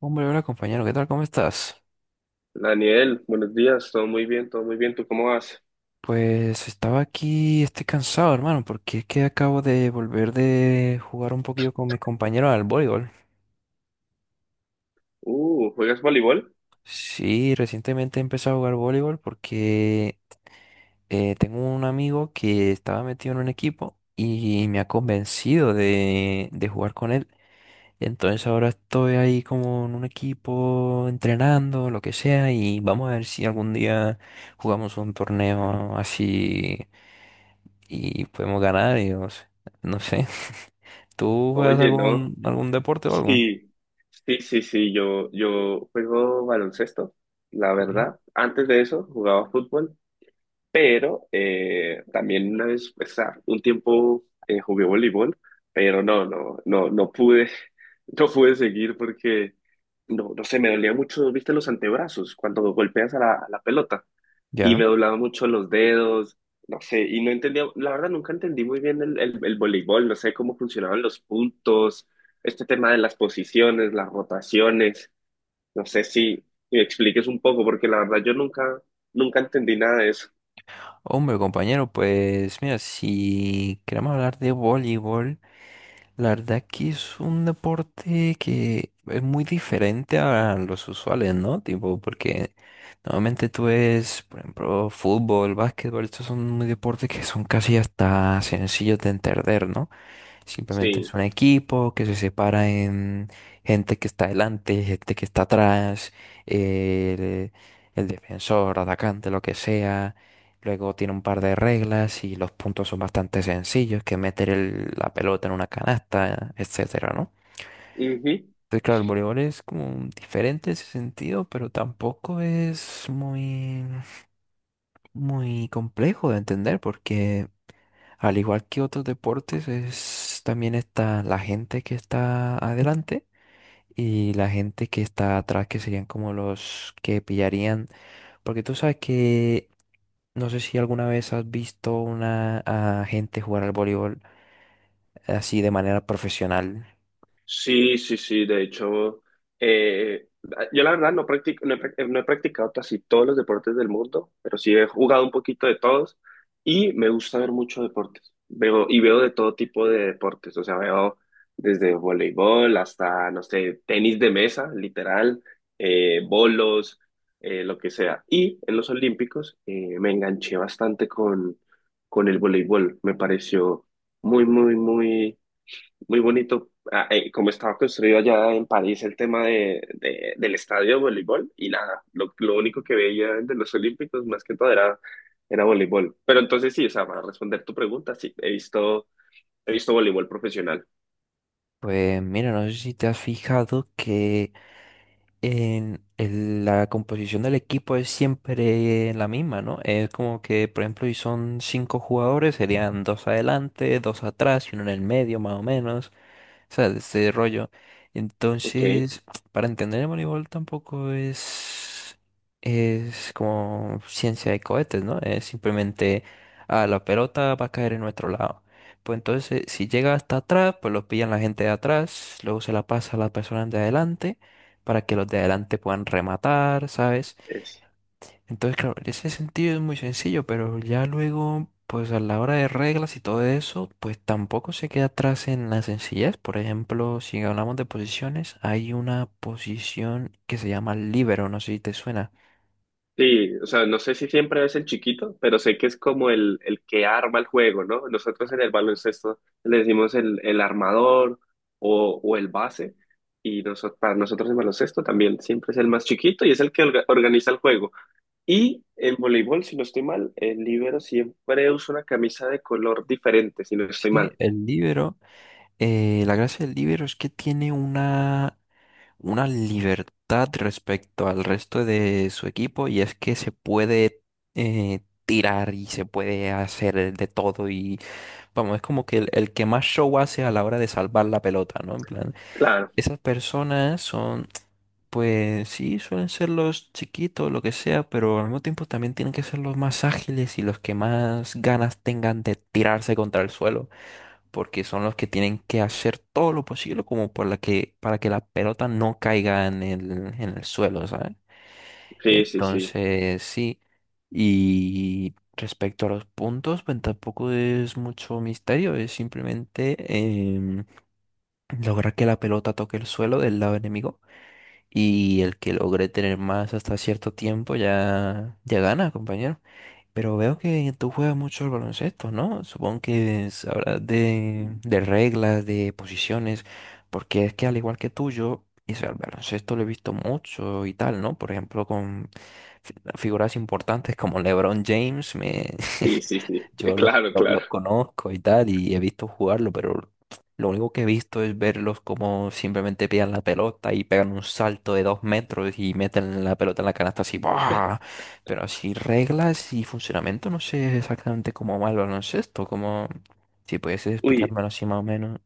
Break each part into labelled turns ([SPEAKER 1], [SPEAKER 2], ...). [SPEAKER 1] Hombre, hola compañero, ¿qué tal? ¿Cómo estás?
[SPEAKER 2] Daniel, buenos días, todo muy bien, ¿tú cómo vas?
[SPEAKER 1] Pues estaba aquí, estoy cansado, hermano, porque es que acabo de volver de jugar un poquillo con mis compañeros al voleibol.
[SPEAKER 2] ¿Juegas voleibol?
[SPEAKER 1] Sí, recientemente empecé a jugar voleibol porque tengo un amigo que estaba metido en un equipo y me ha convencido de jugar con él. Entonces ahora estoy ahí como en un equipo entrenando, lo que sea, y vamos a ver si algún día jugamos un torneo así y podemos ganar y no sé. No sé. ¿Tú juegas
[SPEAKER 2] Oye, no.
[SPEAKER 1] algún deporte o algo?
[SPEAKER 2] Sí, sí, sí, sí, yo juego baloncesto, la
[SPEAKER 1] Sí.
[SPEAKER 2] verdad. Antes de eso jugaba fútbol, pero también una vez, o sea, un tiempo jugué voleibol, pero no, no, no, no pude, no pude seguir porque, no, no sé, me dolía mucho, viste, los antebrazos cuando golpeas a la pelota. Y
[SPEAKER 1] Ya.
[SPEAKER 2] me doblaba mucho los dedos, no sé, y no entendía, la verdad nunca entendí muy bien el voleibol, no sé cómo funcionaban los puntos, este tema de las posiciones, las rotaciones, no sé si me expliques un poco, porque la verdad yo nunca, nunca entendí nada de eso.
[SPEAKER 1] Hombre, compañero, pues mira, si queremos hablar de voleibol, la verdad que es un deporte que es muy diferente a los usuales, ¿no? Tipo, porque normalmente tú ves, por ejemplo, fútbol, básquetbol, estos son muy deportes que son casi hasta sencillos de entender, ¿no? Simplemente es
[SPEAKER 2] Sí.
[SPEAKER 1] un equipo que se separa en gente que está adelante, gente que está atrás, el, el defensor, atacante, lo que sea. Luego tiene un par de reglas y los puntos son bastante sencillos, que meter la pelota en una canasta, etcétera, ¿no?
[SPEAKER 2] Ujú.
[SPEAKER 1] Entonces, claro, el voleibol es como diferente en ese sentido, pero tampoco es muy, muy complejo de entender porque al igual que otros deportes, es, también está la gente que está adelante y la gente que está atrás, que serían como los que pillarían. Porque tú sabes que no sé si alguna vez has visto una a gente jugar al voleibol así de manera profesional.
[SPEAKER 2] Sí, sí, sí, de hecho, eh, yo la verdad no no he practicado casi todos los deportes del mundo, pero sí he jugado un poquito de todos y me gusta ver muchos deportes. Veo, y veo de todo tipo de deportes, o sea, veo desde voleibol hasta, no sé, tenis de mesa, literal, bolos, lo que sea. Y en los Olímpicos me enganché bastante con el voleibol, me pareció muy, muy, muy muy bonito, como estaba construido allá en París el tema del estadio de voleibol y nada, lo único que veía de los Olímpicos más que todo era, era voleibol. Pero entonces sí, o sea, para responder tu pregunta, sí, he visto voleibol profesional.
[SPEAKER 1] Pues mira, no sé si te has fijado que en la composición del equipo es siempre la misma, ¿no? Es como que, por ejemplo, si son cinco jugadores, serían dos adelante, dos atrás y uno en el medio, más o menos. O sea, de ese rollo.
[SPEAKER 2] Ok.
[SPEAKER 1] Entonces, para entender el voleibol tampoco es como ciencia de cohetes, ¿no? Es simplemente, ah, la pelota va a caer en nuestro lado. Pues entonces, si llega hasta atrás, pues lo pillan la gente de atrás, luego se la pasa a las personas de adelante para que los de adelante puedan rematar, ¿sabes? Entonces, claro, en ese sentido es muy sencillo, pero ya luego, pues a la hora de reglas y todo eso, pues tampoco se queda atrás en la sencillez. Por ejemplo, si hablamos de posiciones, hay una posición que se llama libero, no sé si te suena.
[SPEAKER 2] Sí, o sea, no sé si siempre es el chiquito, pero sé que es como el que arma el juego, ¿no? Nosotros en el baloncesto le decimos el armador o el base, y nosotros, para nosotros en baloncesto también siempre es el más chiquito y es el que organiza el juego. Y en voleibol, si no estoy mal, el libero siempre usa una camisa de color diferente, si no estoy
[SPEAKER 1] Sí,
[SPEAKER 2] mal.
[SPEAKER 1] el libero, la gracia del libero es que tiene una libertad respecto al resto de su equipo, y es que se puede eh, tirar y se puede hacer de todo. Y vamos, es como que el que más show hace a la hora de salvar la pelota, ¿no? En plan,
[SPEAKER 2] Claro,
[SPEAKER 1] esas personas son, pues sí, suelen ser los chiquitos, lo que sea, pero al mismo tiempo también tienen que ser los más ágiles y los que más ganas tengan de tirarse contra el suelo, porque son los que tienen que hacer todo lo posible como por la que, para que la pelota no caiga en el suelo, ¿sabes?
[SPEAKER 2] sí, sí, sí,
[SPEAKER 1] Entonces, sí. Y respecto a los puntos, pues tampoco es mucho misterio, es simplemente em, lograr que la pelota toque el suelo del lado enemigo, y el que logre tener más hasta cierto tiempo ya, ya gana, compañero. Pero veo que tú juegas mucho al baloncesto, ¿no? Supongo que sabrás de reglas, de posiciones, porque es que al igual que tú, yo, y sea, el baloncesto lo he visto mucho y tal, ¿no? Por ejemplo, con figuras importantes como LeBron James,
[SPEAKER 2] sí, sí, sí,
[SPEAKER 1] Yo los,
[SPEAKER 2] claro,
[SPEAKER 1] lo- los
[SPEAKER 2] claro.
[SPEAKER 1] conozco y tal, y he visto jugarlo, pero lo único que he visto es verlos como simplemente pillan la pelota y pegan un salto de 2 metros y meten la pelota en la canasta así, ¡buah! Pero así reglas y funcionamiento, no sé exactamente cómo va el baloncesto, como si puedes
[SPEAKER 2] Uy.
[SPEAKER 1] explicármelo así más o menos.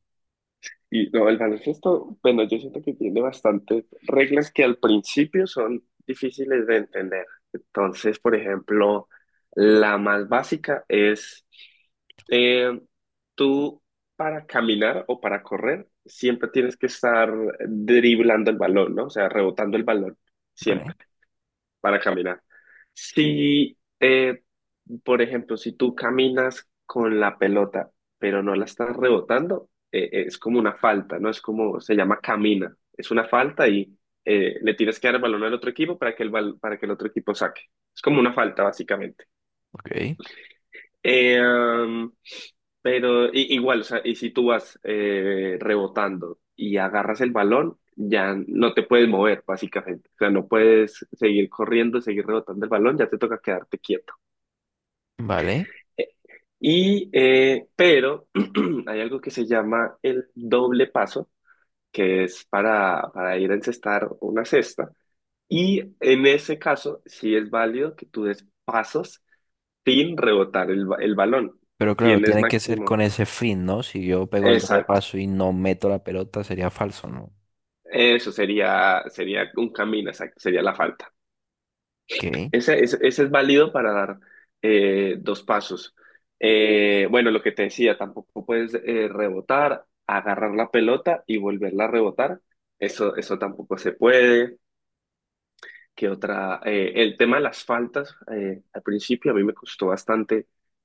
[SPEAKER 2] Y no, el baloncesto, bueno, yo siento que tiene bastantes reglas que al principio son difíciles de entender. Entonces, por ejemplo, la más básica es eh, tú para caminar o para correr siempre tienes que estar driblando el balón, ¿no? O sea, rebotando el balón,
[SPEAKER 1] Vale,
[SPEAKER 2] siempre para caminar. Si, eh, por ejemplo, si tú caminas con la pelota, pero no la estás rebotando, es como una falta, ¿no? Es como, se llama camina. Es una falta y le tienes que dar el balón al otro equipo para que para que el otro equipo saque. Es como una falta, básicamente.
[SPEAKER 1] ok,
[SPEAKER 2] Eh, um, pero igual, o sea, y si tú vas rebotando y agarras el balón, ya no te puedes mover, básicamente. O sea, no puedes seguir corriendo, seguir rebotando el balón, ya te toca quedarte quieto.
[SPEAKER 1] vale.
[SPEAKER 2] Eh, pero hay algo que se llama el doble paso, que es para ir a encestar una cesta. Y en ese caso, sí es válido que tú des pasos sin rebotar el balón.
[SPEAKER 1] Pero claro,
[SPEAKER 2] Tienes
[SPEAKER 1] tiene que ser con
[SPEAKER 2] máximo.
[SPEAKER 1] ese fin, ¿no? Si yo pego el doble
[SPEAKER 2] Exacto.
[SPEAKER 1] paso y no meto la pelota, sería falso, ¿no?
[SPEAKER 2] Eso sería, sería un camino, exacto, sería la falta.
[SPEAKER 1] Ok.
[SPEAKER 2] Ese es válido para dar dos pasos. Bueno, lo que te decía, tampoco puedes rebotar, agarrar la pelota y volverla a rebotar. Eso tampoco se puede. ¿Qué otra? El tema de las faltas, al principio a mí me costó bastante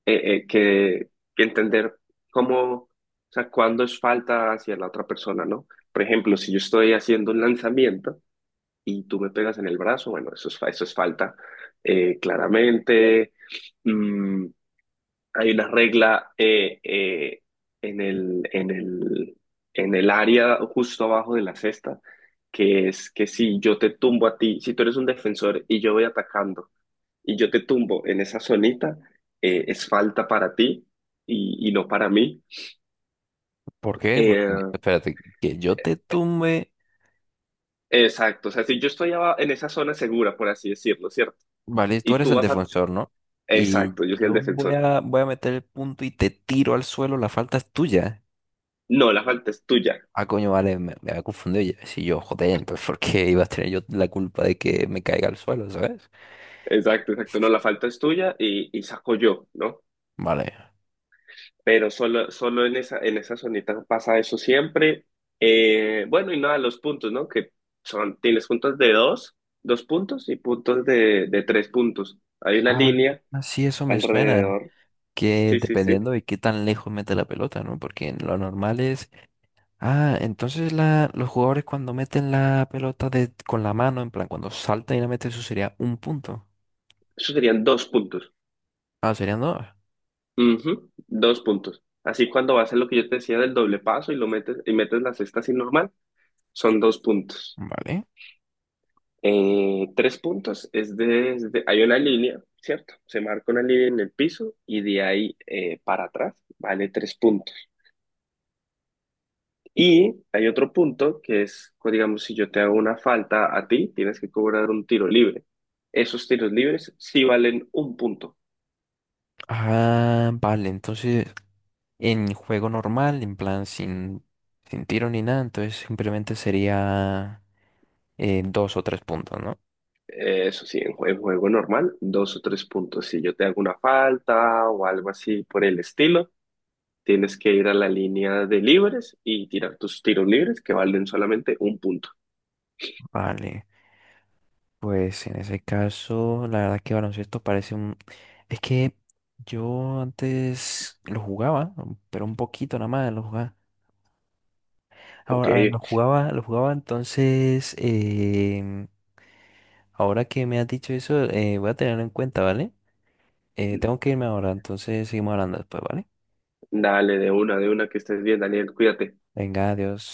[SPEAKER 2] eh, eh, que, que entender cómo, o sea, cuándo es falta hacia la otra persona, ¿no? Por ejemplo, si yo estoy haciendo un lanzamiento, y tú me pegas en el brazo, bueno, eso es, eso es falta, claramente. Mm, Hay una regla en el, en el, en el área justo abajo de la cesta, que es que si yo te tumbo a ti, si tú eres un defensor y yo voy atacando y yo te tumbo en esa zonita, es falta para ti y no para mí.
[SPEAKER 1] ¿Por qué? Porque,
[SPEAKER 2] Eh,
[SPEAKER 1] espérate, que yo te tumbe,
[SPEAKER 2] exacto, o sea, si yo estoy en esa zona segura, por así decirlo, ¿cierto?
[SPEAKER 1] vale, tú
[SPEAKER 2] Y
[SPEAKER 1] eres
[SPEAKER 2] tú
[SPEAKER 1] el
[SPEAKER 2] vas a...
[SPEAKER 1] defensor, ¿no? Y
[SPEAKER 2] Exacto, yo soy el
[SPEAKER 1] yo voy
[SPEAKER 2] defensor.
[SPEAKER 1] a, voy a meter el punto y te tiro al suelo, la falta es tuya.
[SPEAKER 2] No, la falta es tuya.
[SPEAKER 1] Ah, coño, vale, me había confundido. Si yo, joder, entonces, ¿por qué iba a tener yo la culpa de que me caiga al suelo?, ¿sabes?
[SPEAKER 2] Exacto, exacto. No, la falta es tuya y saco yo, ¿no?
[SPEAKER 1] Vale.
[SPEAKER 2] Pero solo, solo en esa zonita pasa eso siempre. Bueno, y nada, los puntos, ¿no? Que son, tienes puntos de dos, dos puntos y puntos de tres puntos. Hay una
[SPEAKER 1] Ah,
[SPEAKER 2] línea
[SPEAKER 1] sí, eso me suena.
[SPEAKER 2] alrededor.
[SPEAKER 1] Que
[SPEAKER 2] Sí, sí, sí.
[SPEAKER 1] dependiendo de qué tan lejos mete la pelota, ¿no? Porque lo normal es... Ah, entonces los jugadores cuando meten la pelota con la mano, en plan, cuando saltan y la meten, eso sería un punto.
[SPEAKER 2] Eso serían dos puntos.
[SPEAKER 1] Ah, serían dos.
[SPEAKER 2] Ujú. Dos puntos. Así cuando vas a lo que yo te decía del doble paso y lo metes, y metes la cesta así normal, son dos puntos.
[SPEAKER 1] Vale.
[SPEAKER 2] Tres puntos es desde, hay una línea, ¿cierto? Se marca una línea en el piso y de ahí para atrás vale tres puntos. Y hay otro punto que es, pues, digamos, si yo te hago una falta a ti, tienes que cobrar un tiro libre. Esos tiros libres sí valen un punto.
[SPEAKER 1] Ah, vale, entonces en juego normal, en plan, sin tiro ni nada, entonces simplemente sería dos o tres puntos, ¿no?
[SPEAKER 2] Eso sí, en en juego, normal, dos o tres puntos. Si yo te hago una falta o algo así por el estilo, tienes que ir a la línea de libres y tirar tus tiros libres que valen solamente un punto.
[SPEAKER 1] Vale. Pues en ese caso, la verdad que baloncesto parece un... Es que yo antes lo jugaba, pero un poquito nada más lo jugaba.
[SPEAKER 2] Ok.
[SPEAKER 1] Ahora, ahora lo jugaba entonces. Ahora que me has dicho eso, voy a tenerlo en cuenta, ¿vale? Tengo que irme ahora, entonces seguimos hablando después, ¿vale?
[SPEAKER 2] Dale, de una, que estés bien, Daniel, cuídate.
[SPEAKER 1] Venga, adiós.